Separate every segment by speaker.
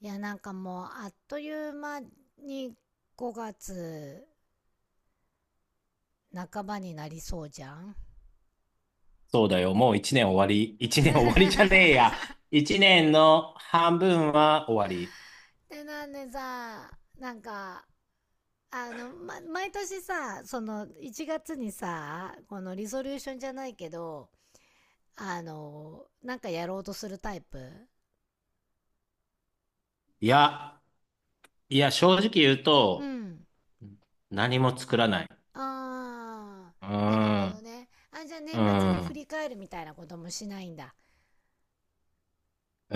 Speaker 1: いやもうあっという間に5月半ばになりそうじゃん。
Speaker 2: そうだよ。もう一年終わり。一年終わりじゃねえや。一年の半分は終わり。
Speaker 1: でなんでさなんかあの、ま、毎年さ、その1月にさ、このリソリューションじゃないけど、やろうとするタイプ？
Speaker 2: いや、いや、正直言う
Speaker 1: う
Speaker 2: と、
Speaker 1: ん。
Speaker 2: 何も作らない。
Speaker 1: あ
Speaker 2: うー
Speaker 1: ー、なるほど
Speaker 2: ん、
Speaker 1: ね。あ、じゃあ
Speaker 2: う
Speaker 1: 年末に
Speaker 2: ー
Speaker 1: 振
Speaker 2: ん、
Speaker 1: り返るみたいなこともしないんだ。
Speaker 2: う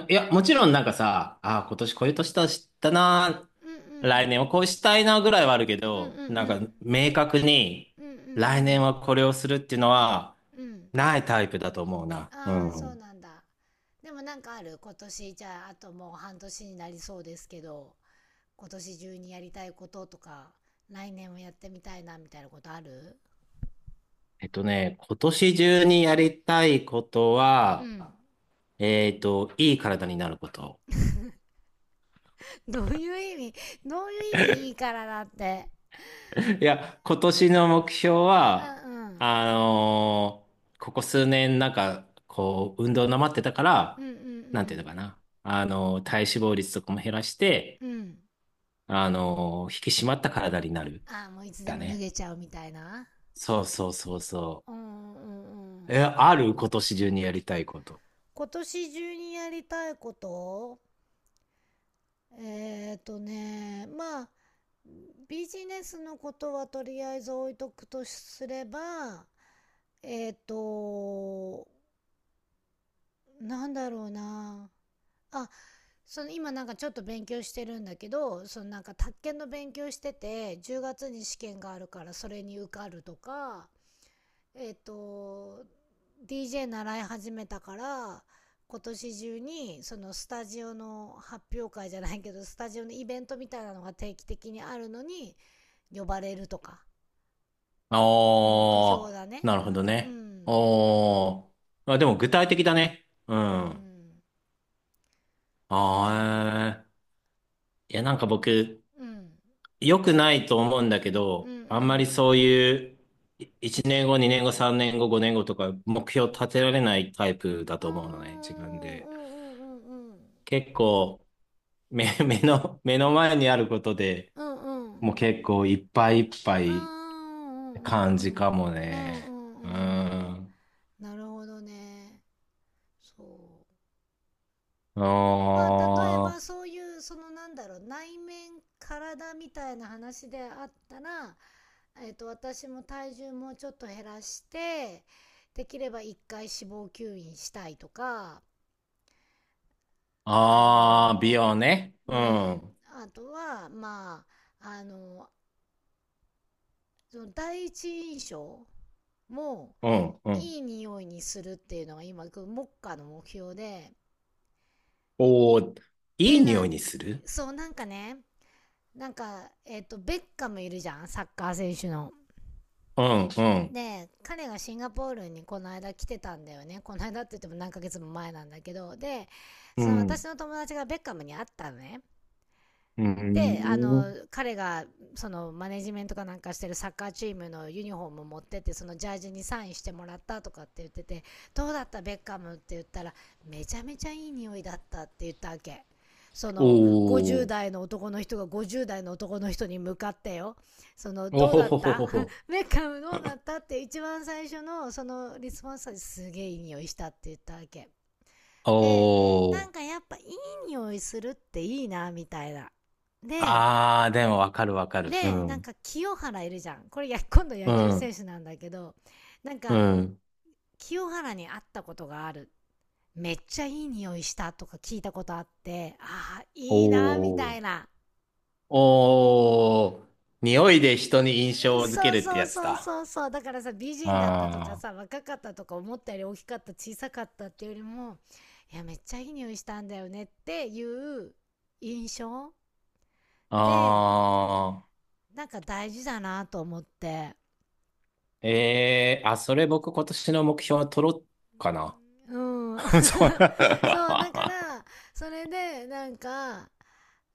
Speaker 2: ーん。いや、もちろんなんかさ、あー今年こういう年だしたな。
Speaker 1: うん、う
Speaker 2: 来
Speaker 1: ん、
Speaker 2: 年はこうしたいなぐらいはあるけ
Speaker 1: うん、うん、う
Speaker 2: ど、なん
Speaker 1: ん、
Speaker 2: か明確に
Speaker 1: うん、う
Speaker 2: 来年
Speaker 1: ん、
Speaker 2: はこれをするっていうのは
Speaker 1: うん、うん。
Speaker 2: ないタイプだと思うな。う
Speaker 1: ああ、そう
Speaker 2: ん。
Speaker 1: なんだ。でも、なんかある？今年、じゃあ、あともう半年になりそうですけど、今年中にやりたいこととか、来年もやってみたいな、みたいなことある？
Speaker 2: えっとね、今年中にやりたいこと
Speaker 1: う
Speaker 2: は、
Speaker 1: ん。
Speaker 2: いい体になること。
Speaker 1: どういう意味？どういう意味、いいからだって。
Speaker 2: いや、今年の目標は、
Speaker 1: うん、うん。
Speaker 2: あのーここ数年なんか、こう、運動なまってたか
Speaker 1: う
Speaker 2: ら、
Speaker 1: ん、う
Speaker 2: なんていうの
Speaker 1: ん、
Speaker 2: かな。体脂肪率とかも減らして、
Speaker 1: うん。うん。
Speaker 2: 引き締まった体になる。
Speaker 1: ああ、もういつで
Speaker 2: だ
Speaker 1: も脱
Speaker 2: ね。
Speaker 1: げちゃうみたいな。
Speaker 2: そうそうそうそ
Speaker 1: うん、うん、う
Speaker 2: う。え、
Speaker 1: ん。
Speaker 2: ある今年中にやりたいこと。
Speaker 1: 今年中にやりたいこと、まあ、ビジネスのことはとりあえず置いとくとすれば、えっと、なんだろうな。あ、その今なんかちょっと勉強してるんだけど、宅建の勉強してて、10月に試験があるから、それに受かるとか、えっと、DJ 習い始めたから、今年中にそのスタジオの発表会じゃないけど、スタジオのイベントみたいなのが定期的にあるのに呼ばれるとか。目
Speaker 2: あ
Speaker 1: 標
Speaker 2: あ、
Speaker 1: だね。
Speaker 2: なるほど
Speaker 1: う
Speaker 2: ね。
Speaker 1: ん、
Speaker 2: おー。まあ、でも具体的だね。うん。
Speaker 1: うん、う
Speaker 2: あ
Speaker 1: ん、かな。
Speaker 2: あ、えーいや、なんか僕、
Speaker 1: うん、
Speaker 2: 良くないと思うんだけ
Speaker 1: うん、
Speaker 2: ど、
Speaker 1: う
Speaker 2: あんまり
Speaker 1: ん。
Speaker 2: そういう、い1年後、2年後、3年後、5年後とか、目標立てられないタイプだ
Speaker 1: あ
Speaker 2: と思うのね、
Speaker 1: ー、うん、う
Speaker 2: 自分で。
Speaker 1: ん、うん、うん。
Speaker 2: 結構、目の前にあることで、
Speaker 1: うん、うん。
Speaker 2: もう結構いっぱいいっぱ
Speaker 1: あー、
Speaker 2: いっ
Speaker 1: う
Speaker 2: て
Speaker 1: ん、
Speaker 2: 感じ
Speaker 1: うん、
Speaker 2: かも
Speaker 1: うん。うん、う
Speaker 2: ね。うん。
Speaker 1: ん、うん。
Speaker 2: あ
Speaker 1: なるほどね。そう。まあ、例えば
Speaker 2: ー
Speaker 1: そういう、内面、体みたいな話であったら、私も体重もうちょっと減らして、できれば一回脂肪吸引したいとか、あ
Speaker 2: ああ、美
Speaker 1: の、
Speaker 2: 容ね。
Speaker 1: う
Speaker 2: うん、
Speaker 1: ん。
Speaker 2: う
Speaker 1: あとは、まあ、その第一印象も、
Speaker 2: ん、うん。
Speaker 1: いい匂いにするっていうのが今、目下の目標で。
Speaker 2: おお、い
Speaker 1: ってい
Speaker 2: い
Speaker 1: うのは、
Speaker 2: 匂いにする
Speaker 1: そう、ベッカムいるじゃん、サッカー選手の。
Speaker 2: うん、うん、
Speaker 1: で、彼がシンガポールにこの間来てたんだよね。この間って言っても何ヶ月も前なんだけど。で、
Speaker 2: う
Speaker 1: その私
Speaker 2: ん、
Speaker 1: の友達がベッカムに会ったのね。
Speaker 2: う
Speaker 1: で、
Speaker 2: ん。
Speaker 1: 彼が、その、マネジメントかなんかしてるサッカーチームのユニフォームを持ってって、そのジャージにサインしてもらったとかって言ってて、どうだったベッカムって言ったら、めちゃめちゃいい匂いだったって言ったわけ。そ
Speaker 2: お
Speaker 1: の、
Speaker 2: お、
Speaker 1: 50代の男の人が50代の男の人に向かってよ。その、
Speaker 2: お
Speaker 1: どう
Speaker 2: ほ
Speaker 1: だっ
Speaker 2: ほほ
Speaker 1: た
Speaker 2: ほほ。
Speaker 1: ベッカムどうだったって一番最初の、その、リスポンスはすげえいい匂いしたって言ったわけ。
Speaker 2: お
Speaker 1: で、
Speaker 2: お、
Speaker 1: やっぱいい匂いするっていいな、みたいな。で、
Speaker 2: ああ、でもわかるわかる。う
Speaker 1: なん
Speaker 2: ん、
Speaker 1: か清原いるじゃん、これや今度野
Speaker 2: う
Speaker 1: 球選
Speaker 2: ん、
Speaker 1: 手なんだけど、なん
Speaker 2: う
Speaker 1: か
Speaker 2: ん。
Speaker 1: 清原に会ったことがある、めっちゃいい匂いしたとか聞いたことあって、ああ
Speaker 2: お
Speaker 1: いいなみた
Speaker 2: お、
Speaker 1: いな。
Speaker 2: おお、匂いで人に印象を付け
Speaker 1: そう
Speaker 2: るって
Speaker 1: そう
Speaker 2: やつ
Speaker 1: そう
Speaker 2: だ。
Speaker 1: そうそう、だからさ、美人だったとか
Speaker 2: あ
Speaker 1: さ、若かったとか、思ったより大きかった小さかったっていうよりも、いやめっちゃいい匂いしたんだよねっていう印象
Speaker 2: あ、
Speaker 1: で、
Speaker 2: ああ、
Speaker 1: 大事だなと思って。
Speaker 2: ええあ、それ僕今年の目標は取ろうかな。
Speaker 1: うん。
Speaker 2: そう。
Speaker 1: そう、だから、それで、なんか、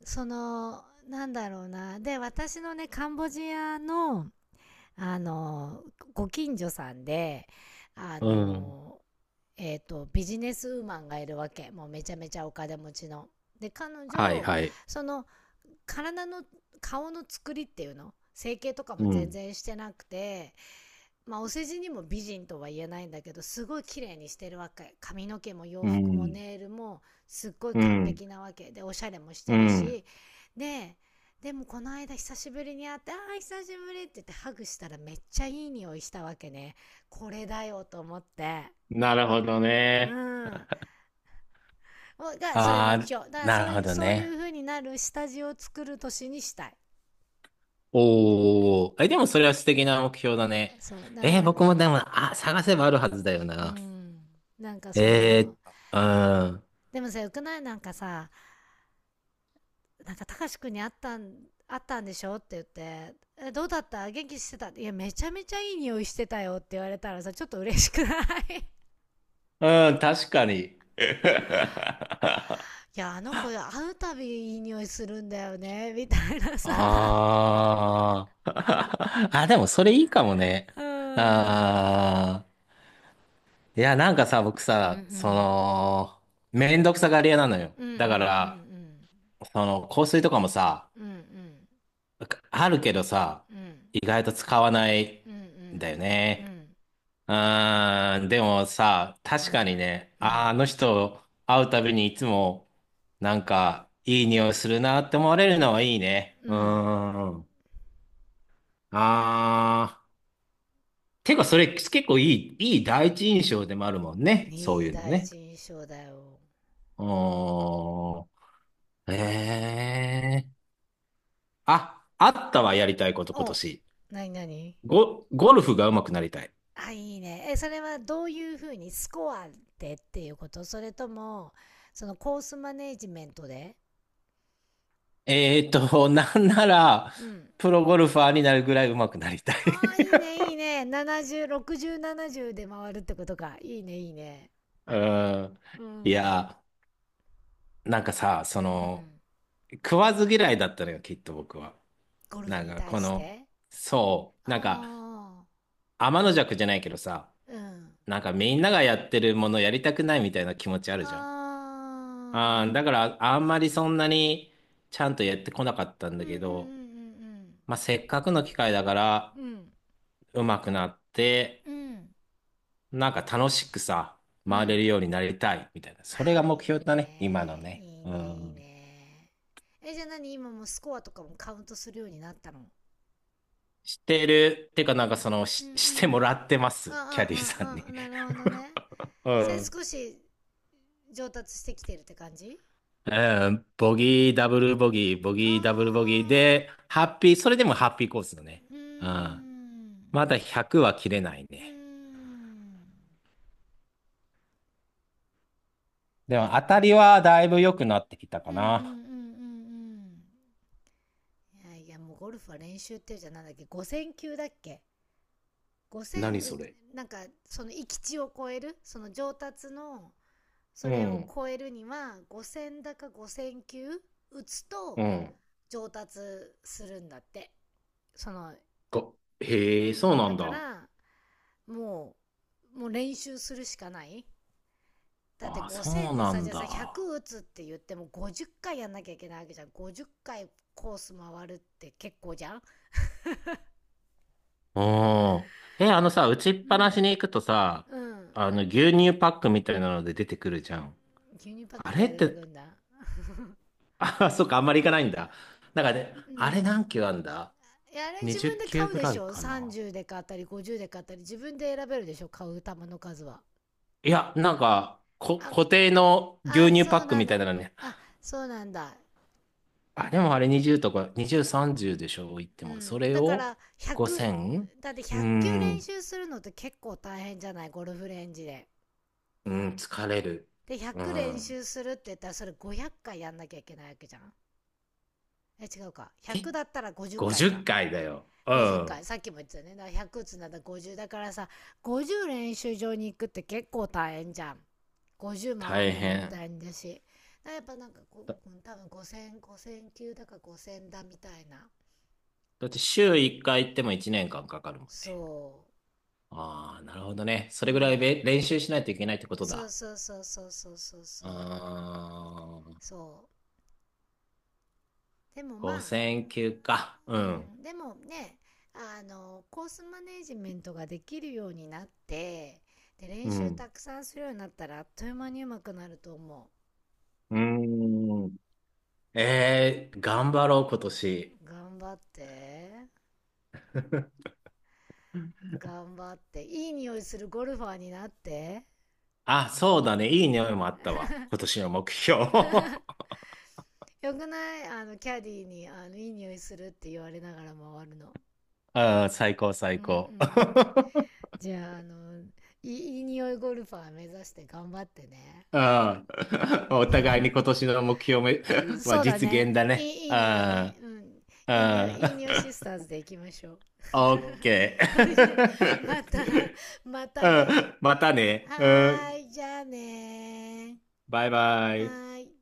Speaker 1: その、なんだろうな。で、私のね、カンボジアの、あの、ご近所さんで、あ
Speaker 2: うん。
Speaker 1: の、ビジネスウーマンがいるわけ。もうめちゃめちゃお金持ちの。で、彼
Speaker 2: はい
Speaker 1: 女、
Speaker 2: はい。
Speaker 1: その、体の、顔の作りっていうの、整形とかも
Speaker 2: う
Speaker 1: 全
Speaker 2: ん。
Speaker 1: 然してなくて、まあお世辞にも美人とは言えないんだけど、すごい綺麗にしてるわけ。髪の毛も洋
Speaker 2: う
Speaker 1: 服も
Speaker 2: ん。
Speaker 1: ネイルもすっごい
Speaker 2: う
Speaker 1: 完
Speaker 2: ん。
Speaker 1: 璧なわけで、おしゃれもし
Speaker 2: う
Speaker 1: てる
Speaker 2: ん。
Speaker 1: し。で、でもこの間久しぶりに会って「ああ久しぶり」って言ってハグしたら、めっちゃいい匂いしたわけね。これだよと思って。
Speaker 2: なるほど
Speaker 1: う
Speaker 2: ね。
Speaker 1: ん、それ
Speaker 2: あ
Speaker 1: 目
Speaker 2: あ、
Speaker 1: 標だから、
Speaker 2: な
Speaker 1: そ
Speaker 2: る
Speaker 1: う
Speaker 2: ほ
Speaker 1: いう
Speaker 2: ど
Speaker 1: そうい
Speaker 2: ね。
Speaker 1: う風になる下地を作る年にしたい。
Speaker 2: おお。え、でもそれは素敵な目標だね。
Speaker 1: そうだか
Speaker 2: えー
Speaker 1: ら、
Speaker 2: 僕もでも、あ、探せばあるはずだよ
Speaker 1: う
Speaker 2: な。
Speaker 1: んなんかそ
Speaker 2: え
Speaker 1: の
Speaker 2: ー、うん。
Speaker 1: でもさ、よくない、なんかさなんか、たかしくんに会ったったんでしょって言って、え、どうだった元気してた、いや、めちゃめちゃいい匂いしてたよって言われたらさ、ちょっと嬉しくない？
Speaker 2: うん、確かに。
Speaker 1: いや、あの子会うたびいい匂いするんだよね、みたいなさ。
Speaker 2: ああ。あ、でもそれいいかもね。
Speaker 1: うん。うん、
Speaker 2: ああ。いや、なんかさ、僕
Speaker 1: う
Speaker 2: さ、そ
Speaker 1: ん。
Speaker 2: の、めんどくさがり屋なのよ。
Speaker 1: うん、う
Speaker 2: だから、
Speaker 1: ん、
Speaker 2: 香水とかもさ、
Speaker 1: うん、うん。うん、うん。
Speaker 2: あるけどさ、
Speaker 1: うん、
Speaker 2: 意外と使わない
Speaker 1: うん、う
Speaker 2: んだよ
Speaker 1: ん。う
Speaker 2: ね。
Speaker 1: ん、
Speaker 2: うーん、でもさ、
Speaker 1: う
Speaker 2: 確か
Speaker 1: ん。
Speaker 2: にね、
Speaker 1: う
Speaker 2: あー、あ
Speaker 1: ん。
Speaker 2: の人会うたびにいつも、なんか、いい匂いするなって思われるのはいいね。
Speaker 1: う
Speaker 2: う
Speaker 1: ん。
Speaker 2: ーん。あー。てか、それ結構いい第一印象でもあるもんね。そう
Speaker 1: いい
Speaker 2: いうの
Speaker 1: 第
Speaker 2: ね。
Speaker 1: 一印象だよ。
Speaker 2: うーん。ええあ、あったわ、やりたいこと、今
Speaker 1: お、
Speaker 2: 年。
Speaker 1: なになに？
Speaker 2: ゴルフが上手くなりたい。
Speaker 1: あ、いいね。え、それはどういうふうに？スコアでっていうこと？それとも、そのコースマネジメントで？
Speaker 2: えーっと、なんなら、
Speaker 1: うん。
Speaker 2: プロゴルファーになるぐらい上手くなりたい
Speaker 1: ああ、いいね、いいね。70、60、70で回るってことか。いいね、いいね。
Speaker 2: うん。
Speaker 1: う
Speaker 2: い
Speaker 1: ん。
Speaker 2: や、なんかさ、そ
Speaker 1: う
Speaker 2: の、
Speaker 1: ん。
Speaker 2: 食わず嫌いだったのよ、きっと僕は。
Speaker 1: ゴルフ
Speaker 2: なん
Speaker 1: に
Speaker 2: か、
Speaker 1: 対
Speaker 2: こ
Speaker 1: し
Speaker 2: の、
Speaker 1: て？
Speaker 2: そう、
Speaker 1: あ
Speaker 2: なんか、
Speaker 1: あ、
Speaker 2: 天の弱じゃないけどさ、
Speaker 1: うん。
Speaker 2: なんかみんながやってるものやりたくないみたいな気持ちあ
Speaker 1: あ
Speaker 2: るじゃん。ああ、
Speaker 1: あ、
Speaker 2: だからあんまりそんなにちゃんとやってこなかったん
Speaker 1: う
Speaker 2: だ
Speaker 1: ん、う
Speaker 2: けど、
Speaker 1: ん、
Speaker 2: まあ、せっかくの機会だから
Speaker 1: うん、うん、うん。
Speaker 2: 上手くなって、
Speaker 1: うん。うん。
Speaker 2: なんか楽しくさ、
Speaker 1: う
Speaker 2: 回れ
Speaker 1: ん。
Speaker 2: るようになりたいみたいな。
Speaker 1: あ
Speaker 2: それが
Speaker 1: ー、
Speaker 2: 目
Speaker 1: いい
Speaker 2: 標だね、今の
Speaker 1: ね。い
Speaker 2: ね。
Speaker 1: い
Speaker 2: う
Speaker 1: ね、いい
Speaker 2: ん。
Speaker 1: ね。え、じゃあ何、今もうスコアとかもカウントするようになったの？
Speaker 2: してる、ってかなんかその、
Speaker 1: うん、う
Speaker 2: し、して
Speaker 1: ん、
Speaker 2: もらってま
Speaker 1: うん、う
Speaker 2: す、キャ
Speaker 1: ん、
Speaker 2: ディさん
Speaker 1: う
Speaker 2: に。
Speaker 1: ん、うん。なるほどね。
Speaker 2: う
Speaker 1: それ
Speaker 2: ん。
Speaker 1: 少し上達してきてるって感じ？
Speaker 2: うん、ボギー、ダブルボギー、ボギー、ダブル
Speaker 1: あ
Speaker 2: ボギーで、
Speaker 1: あ。
Speaker 2: ハッピー、それでもハッピーコースだね。
Speaker 1: うー
Speaker 2: うん。
Speaker 1: ん。
Speaker 2: まだ100は切れない
Speaker 1: うー
Speaker 2: ね。
Speaker 1: ん。
Speaker 2: で
Speaker 1: い
Speaker 2: も
Speaker 1: や、で
Speaker 2: 当
Speaker 1: もい
Speaker 2: た
Speaker 1: い
Speaker 2: り
Speaker 1: じゃん。
Speaker 2: はだいぶ良くなってきたか
Speaker 1: うん、うん、うん、う
Speaker 2: な。
Speaker 1: ん、うん。いやいや、もうゴルフは練習っていうじゃん。なんだっけ、 5000 球だっけ？ 5000、
Speaker 2: 何それ
Speaker 1: なんか、その域地を超える、その上達の、そ
Speaker 2: う
Speaker 1: れを
Speaker 2: ん、
Speaker 1: 超えるには5000だか5000球打つと
Speaker 2: うん。
Speaker 1: 上達するんだって。その
Speaker 2: が、へえ、そうな
Speaker 1: だ
Speaker 2: ん
Speaker 1: か
Speaker 2: だ。
Speaker 1: らももう練習するしかない。だって
Speaker 2: ああ、そ
Speaker 1: 5000
Speaker 2: う
Speaker 1: で
Speaker 2: な
Speaker 1: さ、じ
Speaker 2: ん
Speaker 1: ゃあさ、
Speaker 2: だ。
Speaker 1: 100打つって言っても50回やんなきゃいけないわけじゃん。50回コース回るって結構じゃん。
Speaker 2: うん。え、あのさ、打ちっ
Speaker 1: う
Speaker 2: ぱな
Speaker 1: ん、
Speaker 2: しに行くとさ、
Speaker 1: うん。
Speaker 2: あの、牛乳パックみたいなので出てくるじゃん。
Speaker 1: 牛乳パック
Speaker 2: あ
Speaker 1: みた
Speaker 2: れ
Speaker 1: いに
Speaker 2: っ
Speaker 1: 出てく
Speaker 2: て、
Speaker 1: るんだ。
Speaker 2: あ、そっか、あんまり行かないんだ。なんかね、
Speaker 1: う
Speaker 2: あれ
Speaker 1: ん。
Speaker 2: 何球あんだ
Speaker 1: いやあれ自分
Speaker 2: ?20
Speaker 1: で買
Speaker 2: 球
Speaker 1: う
Speaker 2: ぐ
Speaker 1: で
Speaker 2: ら
Speaker 1: し
Speaker 2: い
Speaker 1: ょ、
Speaker 2: かな。
Speaker 1: 30で買ったり50で買ったり、自分で選べるでしょ買う球の数は。
Speaker 2: いや、なんか、
Speaker 1: あ
Speaker 2: 固定の牛
Speaker 1: あ
Speaker 2: 乳パ
Speaker 1: そう
Speaker 2: ック
Speaker 1: なん
Speaker 2: みたい
Speaker 1: だ、
Speaker 2: なのに
Speaker 1: あそうなんだ。
Speaker 2: あ、でもあれ20とか、20、30でしょ、言って
Speaker 1: う
Speaker 2: も。そ
Speaker 1: ん、
Speaker 2: れ
Speaker 1: だか
Speaker 2: を
Speaker 1: ら100、
Speaker 2: 5000、
Speaker 1: だって
Speaker 2: う
Speaker 1: 100球練
Speaker 2: ん、
Speaker 1: 習するのって結構大変じゃない、ゴルフレンジで。
Speaker 2: うん、疲れる。
Speaker 1: で
Speaker 2: う
Speaker 1: 100練
Speaker 2: ん。
Speaker 1: 習するって言ったら、それ500回やんなきゃいけないわけじゃん。え違うか、
Speaker 2: え、
Speaker 1: 100だったら50回
Speaker 2: 50
Speaker 1: か。
Speaker 2: 回だよ。う
Speaker 1: 50回、
Speaker 2: ん。
Speaker 1: さっきも言ってたね。だから100つなんだ50だからさ、50練習場に行くって結構大変じゃん。50回
Speaker 2: 大
Speaker 1: んのも大
Speaker 2: 変。
Speaker 1: 変だし、だからやっぱこ
Speaker 2: だ、
Speaker 1: う、多分5000球級だから5000だみたいな。
Speaker 2: だって週1回行っても1年間かんかかるもんね。
Speaker 1: そ
Speaker 2: ああ、なるほどね。そ
Speaker 1: う。
Speaker 2: れ
Speaker 1: う
Speaker 2: ぐらい
Speaker 1: ん。
Speaker 2: べ練習しないといけないってこと
Speaker 1: そう
Speaker 2: だ。
Speaker 1: そうそうそうそうそうそう。
Speaker 2: ああ、
Speaker 1: そう。でもまあ、
Speaker 2: 5000級か。
Speaker 1: う
Speaker 2: うん。
Speaker 1: ん。でもね、コースマネージメントができるようになって、で、
Speaker 2: う
Speaker 1: 練習
Speaker 2: ん。
Speaker 1: たくさんするようになったらあっという間に上手くなると思
Speaker 2: うーん。えー、頑張ろう、今年。
Speaker 1: う。頑張って。頑張って。いい匂いするゴルファーになって。
Speaker 2: あ、そうだね。いい匂いもあったわ。今年の目標。あ
Speaker 1: よくない、キャディーに、いい匂いするって言われながら回るの。
Speaker 2: ー、最高、最
Speaker 1: うん、う
Speaker 2: 高。
Speaker 1: ん。じゃあ、いい匂いゴルファー目指して頑張ってね。
Speaker 2: ああお互いに今 年の目標め
Speaker 1: うん、
Speaker 2: まあ、
Speaker 1: そうだ
Speaker 2: 実現
Speaker 1: ね。
Speaker 2: だ
Speaker 1: い
Speaker 2: ね。
Speaker 1: い、いい匂いね。
Speaker 2: あ
Speaker 1: うん。いい匂い、いい
Speaker 2: あ
Speaker 1: 匂いシスター
Speaker 2: あ
Speaker 1: ズで行きましょう。
Speaker 2: あオッケ
Speaker 1: ほいじゃまた、
Speaker 2: ー。
Speaker 1: ま
Speaker 2: う
Speaker 1: たね。
Speaker 2: んまたね。う
Speaker 1: はー
Speaker 2: ん
Speaker 1: い、じゃあねー。
Speaker 2: バイバ
Speaker 1: は
Speaker 2: イ。
Speaker 1: ーい。